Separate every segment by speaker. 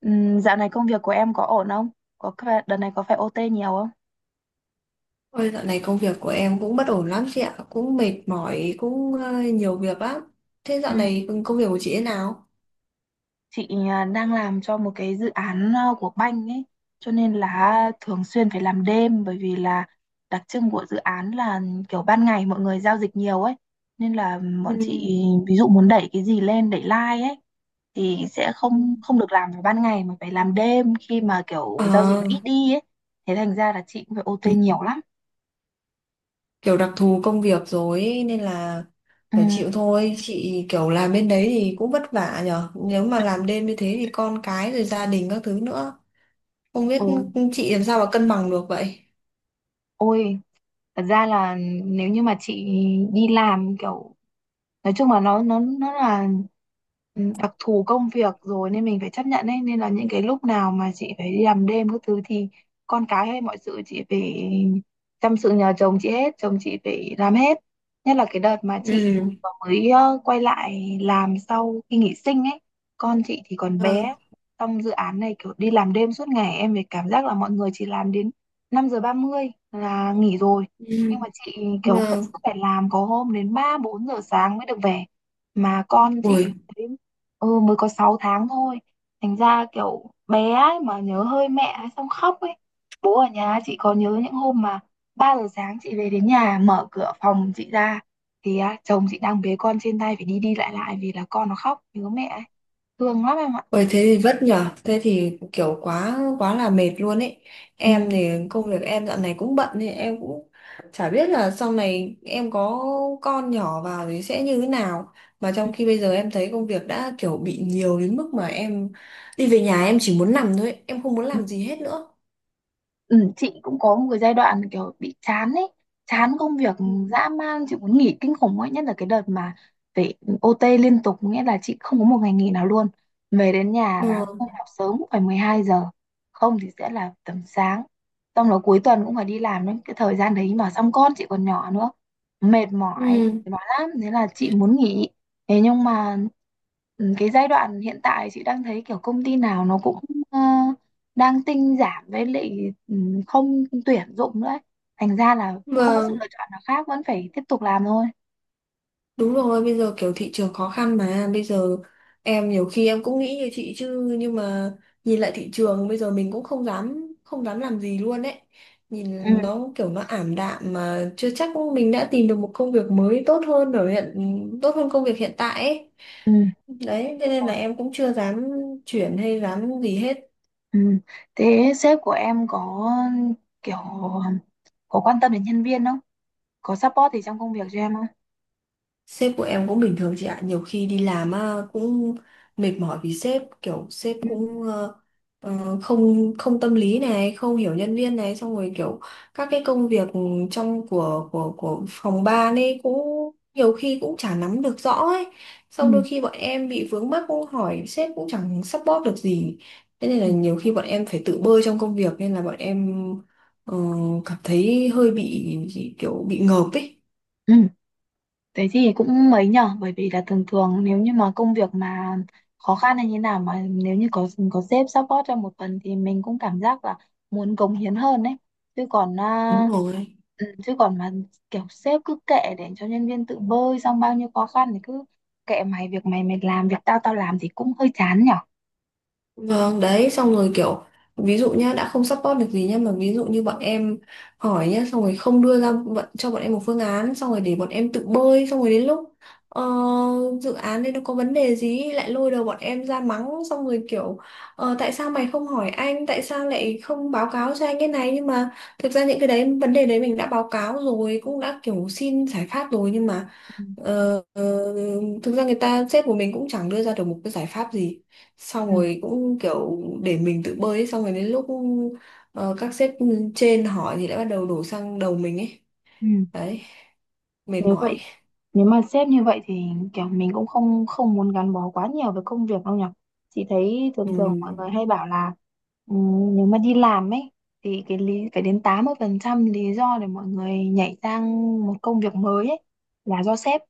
Speaker 1: Dạo này công việc của em có ổn không? Đợt này có phải OT nhiều không?
Speaker 2: Ôi, dạo này công việc của em cũng bất ổn lắm chị ạ, cũng mệt mỏi, cũng nhiều việc lắm. Thế
Speaker 1: Ừ.
Speaker 2: dạo này công việc của chị thế nào?
Speaker 1: Chị đang làm cho một cái dự án của banh ấy, cho nên là thường xuyên phải làm đêm, bởi vì là đặc trưng của dự án là kiểu ban ngày mọi người giao dịch nhiều ấy, nên là bọn chị
Speaker 2: Ừ.
Speaker 1: ví dụ muốn đẩy cái gì lên, đẩy like ấy thì sẽ
Speaker 2: Ừ.
Speaker 1: không không được làm vào ban ngày mà phải làm đêm khi mà kiểu giao dịch nó
Speaker 2: Ờ,
Speaker 1: ít đi ấy. Thế thành ra là chị cũng phải OT nhiều lắm.
Speaker 2: Kiểu đặc thù công việc rồi ấy, nên là
Speaker 1: Ừ.
Speaker 2: phải chịu thôi. Chị kiểu làm bên đấy thì cũng vất vả nhở. Nếu mà làm đêm như thế thì con cái rồi gia đình các thứ nữa. Không biết
Speaker 1: Ừ.
Speaker 2: chị làm sao mà cân bằng được vậy.
Speaker 1: Ôi, thật ra là nếu như mà chị đi làm kiểu, nói chung là nó là đặc thù công việc rồi nên mình phải chấp nhận ấy, nên là những cái lúc nào mà chị phải đi làm đêm các thứ thì con cái hay mọi sự chị phải chăm, sự nhờ chồng chị hết, chồng chị phải làm hết. Nhất là cái đợt mà chị
Speaker 2: Ừ.
Speaker 1: vừa mới quay lại làm sau khi nghỉ sinh ấy, con chị thì còn
Speaker 2: Vâng.
Speaker 1: bé, trong dự án này kiểu đi làm đêm suốt ngày, em phải cảm giác là mọi người chỉ làm đến 5:30 là nghỉ rồi,
Speaker 2: Ừ.
Speaker 1: nhưng mà chị kiểu vẫn
Speaker 2: Vâng.
Speaker 1: cứ phải làm, có hôm đến ba bốn giờ sáng mới được về, mà con chị
Speaker 2: Ui.
Speaker 1: đến, mới có 6 tháng thôi, thành ra kiểu bé ấy mà nhớ hơi mẹ ấy, xong khóc ấy, bố ở nhà. Chị có nhớ những hôm mà 3 giờ sáng chị về đến nhà, mở cửa phòng chị ra thì á, chồng chị đang bế con trên tay phải đi đi lại lại vì là con nó khóc nhớ mẹ ấy. Thương lắm em ạ.
Speaker 2: Ôi, thế thì vất nhở. Thế thì kiểu quá quá là mệt luôn ấy.
Speaker 1: Ừ.
Speaker 2: Em thì công việc em dạo này cũng bận thì em cũng chả biết là sau này em có con nhỏ vào thì sẽ như thế nào. Mà
Speaker 1: Ừ.
Speaker 2: trong khi bây giờ em thấy công việc đã kiểu bị nhiều đến mức mà em đi về nhà em chỉ muốn nằm thôi ấy. Em không muốn
Speaker 1: Ừ.
Speaker 2: làm gì hết nữa.
Speaker 1: Ừ, chị cũng có một cái giai đoạn kiểu bị chán ấy, chán công việc
Speaker 2: Ừ.
Speaker 1: dã man, chị muốn nghỉ kinh khủng ấy, nhất là cái đợt mà phải OT liên tục, nghĩa là chị không có một ngày nghỉ nào luôn, về đến nhà là
Speaker 2: Ừ.
Speaker 1: không học sớm cũng phải 12 giờ, không thì sẽ là tầm sáng, xong là cuối tuần cũng phải đi làm đến cái thời gian đấy, mà xong con chị còn nhỏ nữa,
Speaker 2: Ừ.
Speaker 1: mệt mỏi lắm. Thế là chị muốn nghỉ, thế nhưng mà cái giai đoạn hiện tại chị đang thấy kiểu công ty nào nó cũng ờ, đang tinh giảm, với lại ừ, không tuyển dụng nữa ấy. Thành ra là không có sự
Speaker 2: Vâng.
Speaker 1: lựa chọn nào khác, vẫn phải tiếp tục làm thôi.
Speaker 2: Đúng rồi, bây giờ kiểu thị trường khó khăn mà bây giờ em nhiều khi em cũng nghĩ như chị chứ nhưng mà nhìn lại thị trường bây giờ mình cũng không dám làm gì luôn đấy.
Speaker 1: Ừ.
Speaker 2: Nhìn nó kiểu nó ảm đạm mà chưa chắc mình đã tìm được một công việc mới tốt hơn công việc hiện tại ấy.
Speaker 1: Ừ.
Speaker 2: Đấy, thế nên là
Speaker 1: Ôi,
Speaker 2: em cũng chưa dám chuyển hay dám gì hết.
Speaker 1: ừ thế sếp của em có kiểu, có quan tâm đến nhân viên không? Có support gì trong công việc cho em không?
Speaker 2: Sếp của em cũng bình thường chị ạ, nhiều khi đi làm á, cũng mệt mỏi vì sếp, kiểu sếp
Speaker 1: Ừ.
Speaker 2: cũng không không tâm lý này, không hiểu nhân viên này, xong rồi kiểu các cái công việc trong của phòng ban ấy cũng nhiều khi cũng chả nắm được rõ ấy. Xong đôi
Speaker 1: Ừ.
Speaker 2: khi bọn em bị vướng mắc cũng hỏi sếp cũng chẳng support được gì. Thế nên là nhiều khi bọn em phải tự bơi trong công việc nên là bọn em ờ, cảm thấy hơi bị kiểu bị ngợp ấy.
Speaker 1: Ừ. Thế thì cũng mấy nhở, bởi vì là thường thường nếu như mà công việc mà khó khăn hay như nào, mà nếu như có sếp support cho một phần thì mình cũng cảm giác là muốn cống hiến hơn đấy. Chứ còn
Speaker 2: Đúng
Speaker 1: à,
Speaker 2: rồi.
Speaker 1: chứ còn mà kiểu sếp cứ kệ để cho nhân viên tự bơi, xong bao nhiêu khó khăn thì cứ kệ mày việc mày mày làm, việc tao tao làm, thì cũng hơi chán nhở.
Speaker 2: Vâng, đấy, xong rồi kiểu ví dụ nhá, đã không support được gì nhá mà ví dụ như bọn em hỏi nhá, xong rồi không đưa ra cho bọn em một phương án, xong rồi để bọn em tự bơi, xong rồi đến lúc ờ, dự án đấy nó có vấn đề gì ấy, lại lôi đầu bọn em ra mắng, xong rồi kiểu tại sao mày không hỏi anh, tại sao lại không báo cáo cho anh cái này nhưng mà thực ra những cái đấy vấn đề đấy mình đã báo cáo rồi, cũng đã kiểu xin giải pháp rồi nhưng mà
Speaker 1: Ừ.
Speaker 2: Ờ, ờ, thực ra người ta sếp của mình cũng chẳng đưa ra được một cái giải pháp gì xong
Speaker 1: Ừ.
Speaker 2: rồi cũng kiểu để mình tự bơi ấy. Xong rồi đến lúc các sếp trên hỏi thì lại bắt đầu đổ sang đầu mình ấy.
Speaker 1: Ừ.
Speaker 2: Đấy, mệt
Speaker 1: Nếu
Speaker 2: mỏi.
Speaker 1: vậy Nếu mà sếp như vậy thì kiểu mình cũng không không muốn gắn bó quá nhiều với công việc đâu nhỉ. Chị thấy thường
Speaker 2: ừ,
Speaker 1: thường mọi người hay bảo là, nếu mà đi làm ấy thì cái lý phải đến 80% lý do để mọi người nhảy sang một công việc mới ấy là do sếp.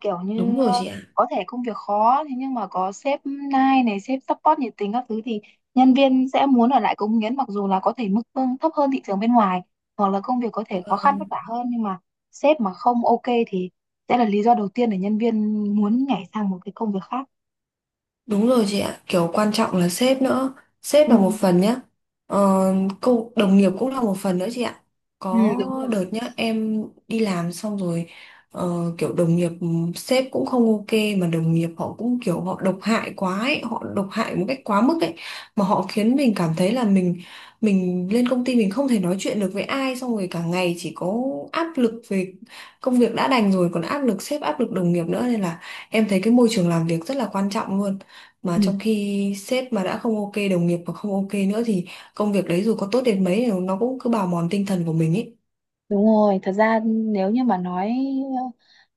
Speaker 1: Kiểu
Speaker 2: Đúng
Speaker 1: như
Speaker 2: rồi chị ạ.
Speaker 1: có thể công việc khó thế nhưng mà có sếp nai này, sếp support nhiệt tình các thứ thì nhân viên sẽ muốn ở lại cống hiến, mặc dù là có thể mức lương thấp hơn thị trường bên ngoài hoặc là công việc có thể khó khăn
Speaker 2: Vâng.
Speaker 1: vất vả hơn, nhưng mà sếp mà không ok thì sẽ là lý do đầu tiên để nhân viên muốn nhảy sang một cái công việc khác.
Speaker 2: Đúng rồi chị ạ, kiểu quan trọng là sếp nữa. Sếp
Speaker 1: Ừ.
Speaker 2: là một phần nhá. Ờ, cô đồng nghiệp cũng là một phần nữa chị ạ.
Speaker 1: Ừ,
Speaker 2: Có
Speaker 1: đúng rồi.
Speaker 2: đợt nhá, em đi làm xong rồi kiểu đồng nghiệp sếp cũng không ok mà đồng nghiệp họ cũng kiểu họ độc hại quá ấy, họ độc hại một cách quá mức ấy mà họ khiến mình cảm thấy là mình lên công ty mình không thể nói chuyện được với ai xong rồi cả ngày chỉ có áp lực về công việc đã đành rồi còn áp lực sếp áp lực đồng nghiệp nữa nên là em thấy cái môi trường làm việc rất là quan trọng luôn mà
Speaker 1: Ừ,
Speaker 2: trong khi sếp mà đã không ok đồng nghiệp mà không ok nữa thì công việc đấy dù có tốt đến mấy thì nó cũng cứ bào mòn tinh thần của mình ấy.
Speaker 1: đúng rồi, thật ra nếu như mà nói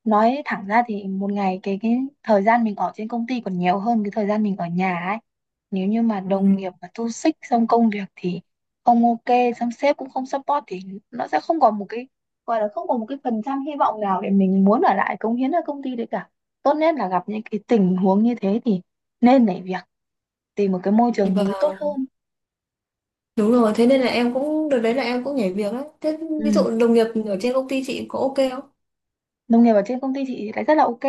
Speaker 1: nói thẳng ra thì một ngày cái thời gian mình ở trên công ty còn nhiều hơn cái thời gian mình ở nhà ấy. Nếu như mà đồng
Speaker 2: Ừ.
Speaker 1: nghiệp mà toxic xích, xong công việc thì không ok, xong sếp cũng không support thì nó sẽ không còn một cái, gọi là không còn một cái phần trăm hy vọng nào để mình muốn ở lại cống hiến ở công ty đấy cả. Tốt nhất là gặp những cái tình huống như thế thì nên nhảy việc, tìm một cái môi trường mới tốt
Speaker 2: Và
Speaker 1: hơn.
Speaker 2: đúng rồi, thế nên là em cũng đợt đấy là em cũng nhảy việc ấy. Thế
Speaker 1: Ừ.
Speaker 2: ví dụ đồng nghiệp ở trên công ty chị có ok không?
Speaker 1: Đồng nghiệp ở trên công ty chị thì lại rất là ok,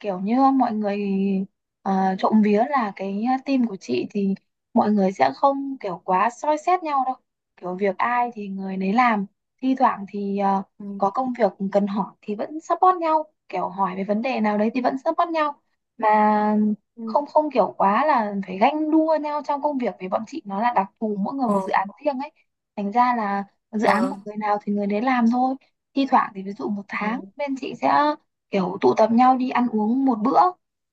Speaker 1: kiểu như mọi người, uh, trộm vía là cái team của chị thì mọi người sẽ không kiểu quá soi xét nhau đâu, kiểu việc ai thì người nấy làm, thi thoảng thì
Speaker 2: Ừ.
Speaker 1: có công việc cần hỏi thì vẫn support nhau, kiểu hỏi về vấn đề nào đấy thì vẫn support nhau, mà
Speaker 2: Ừ.
Speaker 1: không không kiểu quá là phải ganh đua nhau trong công việc, vì bọn chị nó là đặc thù mỗi người
Speaker 2: Ờ,
Speaker 1: một dự án riêng ấy, thành ra là dự án của
Speaker 2: vâng.
Speaker 1: người nào thì người đấy làm thôi. Thi thoảng thì ví dụ một tháng
Speaker 2: Ừ.
Speaker 1: bên chị sẽ kiểu tụ tập nhau đi ăn uống một bữa,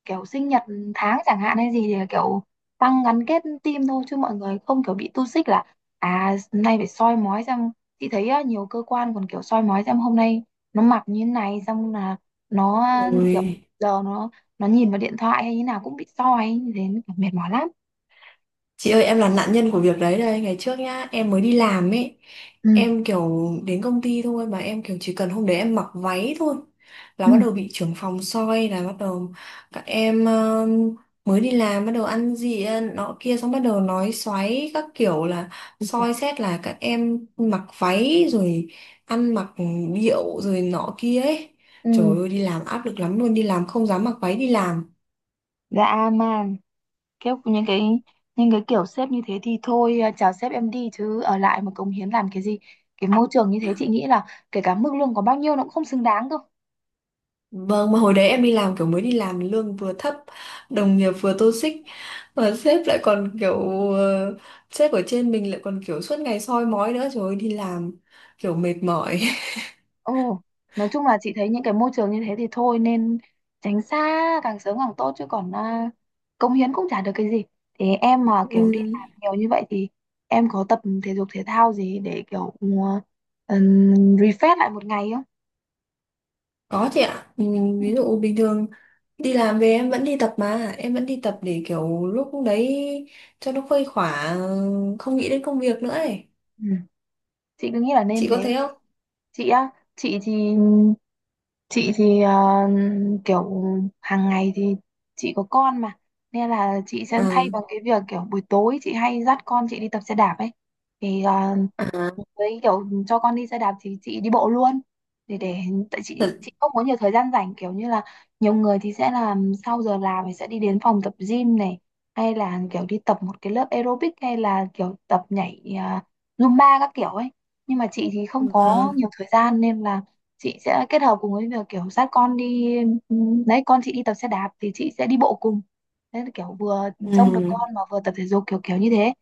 Speaker 1: kiểu sinh nhật tháng chẳng hạn hay gì thì là kiểu tăng gắn kết team thôi, chứ mọi người không kiểu bị tu xích là à hôm nay phải soi mói xem. Chị thấy á, nhiều cơ quan còn kiểu soi mói xem hôm nay nó mặc như thế này, xong là nó kiểu
Speaker 2: Ôi.
Speaker 1: giờ nó nhìn vào điện thoại hay như nào cũng bị soi như thế, mệt mỏi lắm.
Speaker 2: Chị ơi, em là nạn nhân của việc đấy đây. Ngày trước nhá, em mới đi làm ấy.
Speaker 1: Ừ.
Speaker 2: Em kiểu đến công ty thôi. Mà em kiểu chỉ cần hôm đấy em mặc váy thôi là
Speaker 1: Ừ.
Speaker 2: bắt đầu bị trưởng phòng soi. Là bắt đầu các em mới đi làm, bắt đầu ăn gì nọ kia. Xong bắt đầu nói xoáy các kiểu là
Speaker 1: Ừ, trời.
Speaker 2: soi xét là các em mặc váy, rồi ăn mặc điệu, rồi nọ kia ấy. Trời
Speaker 1: Ừ,
Speaker 2: ơi, đi làm áp lực lắm luôn. Đi làm không dám mặc váy đi làm.
Speaker 1: dã man. Kiểu những cái kiểu sếp như thế thì thôi chào sếp em đi, chứ ở lại mà cống hiến làm cái gì. Cái môi trường như thế chị nghĩ là kể cả mức lương có bao nhiêu nó cũng không xứng đáng đâu.
Speaker 2: Vâng, mà hồi đấy em đi làm kiểu mới đi làm lương vừa thấp, đồng nghiệp vừa toxic, mà sếp lại còn kiểu ờ, sếp ở trên mình lại còn kiểu suốt ngày soi mói nữa, trời ơi đi làm kiểu mệt mỏi.
Speaker 1: Ồ, nói chung là chị thấy những cái môi trường như thế thì thôi, nên tránh xa càng sớm càng tốt, chứ còn cống hiến cũng chả được cái gì. Thì em mà kiểu đi
Speaker 2: Ừm,
Speaker 1: làm nhiều như vậy thì em có tập thể dục thể thao gì để kiểu, refresh lại một ngày không?
Speaker 2: Có chị ạ. Ví dụ bình thường đi làm về em vẫn đi tập mà, em vẫn đi tập để kiểu lúc đấy cho nó khuây khỏa, không nghĩ đến công việc nữa ấy.
Speaker 1: Ừ, chị cứ nghĩ là nên
Speaker 2: Chị có
Speaker 1: thế.
Speaker 2: thế không?
Speaker 1: Chị á, chị thì chị thì kiểu hàng ngày thì chị có con mà, nên là chị sẽ thay
Speaker 2: Ừ.
Speaker 1: bằng cái việc kiểu buổi tối chị hay dắt con chị đi tập xe đạp ấy. Thì
Speaker 2: À,
Speaker 1: với kiểu cho con đi xe đạp thì chị đi bộ luôn, để tại chị
Speaker 2: thật,
Speaker 1: chị không có nhiều thời gian rảnh, kiểu như là nhiều người thì sẽ làm sau giờ làm thì sẽ đi đến phòng tập gym này, hay là kiểu đi tập một cái lớp aerobic, hay là kiểu tập nhảy Zumba các kiểu ấy, nhưng mà chị thì không có
Speaker 2: vâng.
Speaker 1: nhiều thời gian nên là chị sẽ kết hợp cùng với việc kiểu dắt con đi, đấy, con chị đi tập xe đạp thì chị sẽ đi bộ cùng. Thế là kiểu vừa trông được
Speaker 2: Ừ.
Speaker 1: con mà vừa tập thể dục, kiểu kiểu như thế.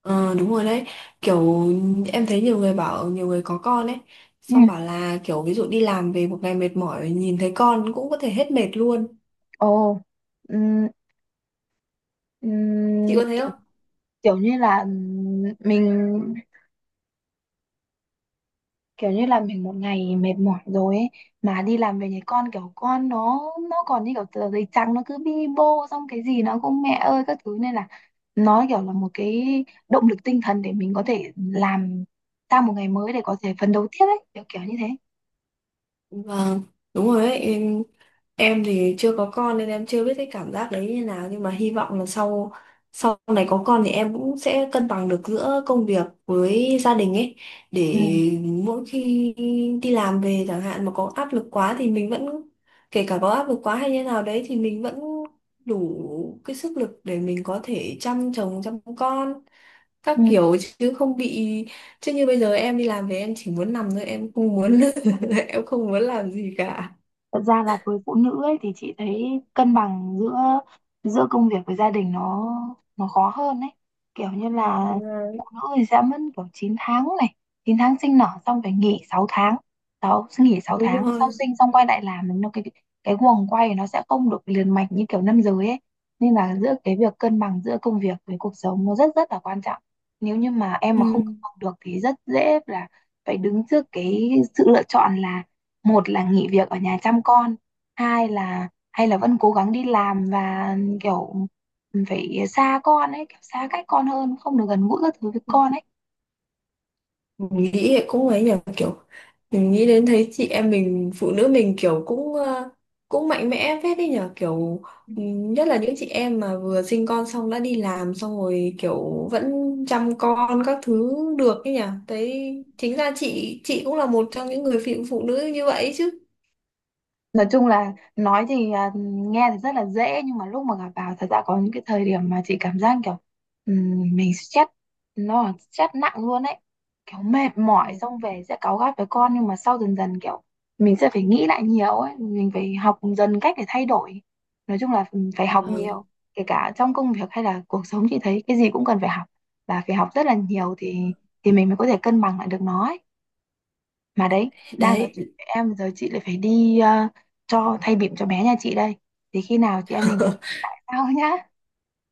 Speaker 2: Ờ Đúng rồi đấy, kiểu em thấy nhiều người bảo nhiều người có con ấy
Speaker 1: Ừ.
Speaker 2: xong bảo là kiểu ví dụ đi làm về một ngày mệt mỏi nhìn thấy con cũng có thể hết mệt luôn.
Speaker 1: Ồ. ừ,
Speaker 2: Chị
Speaker 1: Ừm,
Speaker 2: có thấy
Speaker 1: Kiểu,
Speaker 2: không?
Speaker 1: kiểu như là, mình, kiểu như là mình một ngày mệt mỏi rồi ấy, mà đi làm về thì con kiểu, con nó còn như kiểu tờ giấy trắng, nó cứ bi bô, xong cái gì nó cũng mẹ ơi các thứ, nên là nó kiểu là một cái động lực tinh thần để mình có thể làm sang một ngày mới, để có thể phấn đấu tiếp ấy, kiểu kiểu như thế.
Speaker 2: Vâng, đúng rồi đấy. Em thì chưa có con nên em chưa biết cái cảm giác đấy như nào nhưng mà hy vọng là sau sau này có con thì em cũng sẽ cân bằng được giữa công việc với gia đình ấy, để
Speaker 1: Ừ.
Speaker 2: mỗi khi đi làm về chẳng hạn mà có áp lực quá thì mình vẫn, kể cả có áp lực quá hay như nào đấy thì mình vẫn đủ cái sức lực để mình có thể chăm chồng chăm con các
Speaker 1: Ừ.
Speaker 2: kiểu, chứ không bị chứ như bây giờ em đi làm về em chỉ muốn nằm thôi, em không muốn, em không muốn làm gì cả.
Speaker 1: Thật ra là với phụ nữ ấy thì chị thấy cân bằng giữa giữa công việc với gia đình nó, khó hơn ấy. Kiểu như là
Speaker 2: Đúng rồi.
Speaker 1: phụ nữ thì sẽ mất kiểu 9 tháng này, 9 tháng sinh nở, xong phải nghỉ 6 tháng, 6 nghỉ sáu
Speaker 2: Đúng
Speaker 1: tháng, sau
Speaker 2: rồi.
Speaker 1: sinh xong quay lại làm nó, cái guồng quay nó sẽ không được liền mạch như kiểu nam giới ấy. Nên là giữa cái việc cân bằng giữa công việc với cuộc sống nó rất rất là quan trọng. Nếu như mà em
Speaker 2: Ừ.
Speaker 1: mà không cân bằng được thì rất dễ là phải đứng trước cái sự lựa chọn là một là nghỉ việc ở nhà chăm con, hai là hay là vẫn cố gắng đi làm và kiểu phải xa con ấy, kiểu xa cách con hơn, không được gần gũi các thứ với con ấy.
Speaker 2: Mình nghĩ thì cũng ấy nhỉ, kiểu mình nghĩ đến thấy chị em mình phụ nữ mình kiểu cũng cũng mạnh mẽ phết đấy nhở, kiểu nhất là những chị em mà vừa sinh con xong đã đi làm xong rồi kiểu vẫn chăm con các thứ được ấy nhỉ. Thấy chính ra chị cũng là một trong những người phụ phụ nữ như vậy chứ.
Speaker 1: Nói chung là nói thì nghe thì rất là dễ, nhưng mà lúc mà gặp vào thật ra có những cái thời điểm mà chị cảm giác kiểu, mình stress, nó là stress nặng luôn ấy, kiểu mệt mỏi
Speaker 2: Ừ.
Speaker 1: xong về sẽ cáu gắt với con, nhưng mà sau dần dần kiểu mình sẽ phải nghĩ lại nhiều ấy, mình phải học dần cách để thay đổi. Nói chung là phải học
Speaker 2: Vâng,
Speaker 1: nhiều, kể cả trong công việc hay là cuộc sống, chị thấy cái gì cũng cần phải học, và phải học rất là nhiều thì mình mới có thể cân bằng lại được nó ấy. Mà đấy, đang nói chuyện
Speaker 2: đấy.
Speaker 1: với em giờ chị lại phải đi, cho thay bỉm cho bé nhà chị đây. Thì khi nào chị em mình nói chuyện lại sau nhá.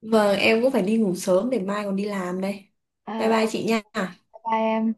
Speaker 2: Vâng, em cũng phải đi ngủ sớm để mai còn đi làm đây. Bye
Speaker 1: Ờ,
Speaker 2: bye
Speaker 1: ok,
Speaker 2: chị nha.
Speaker 1: bye em.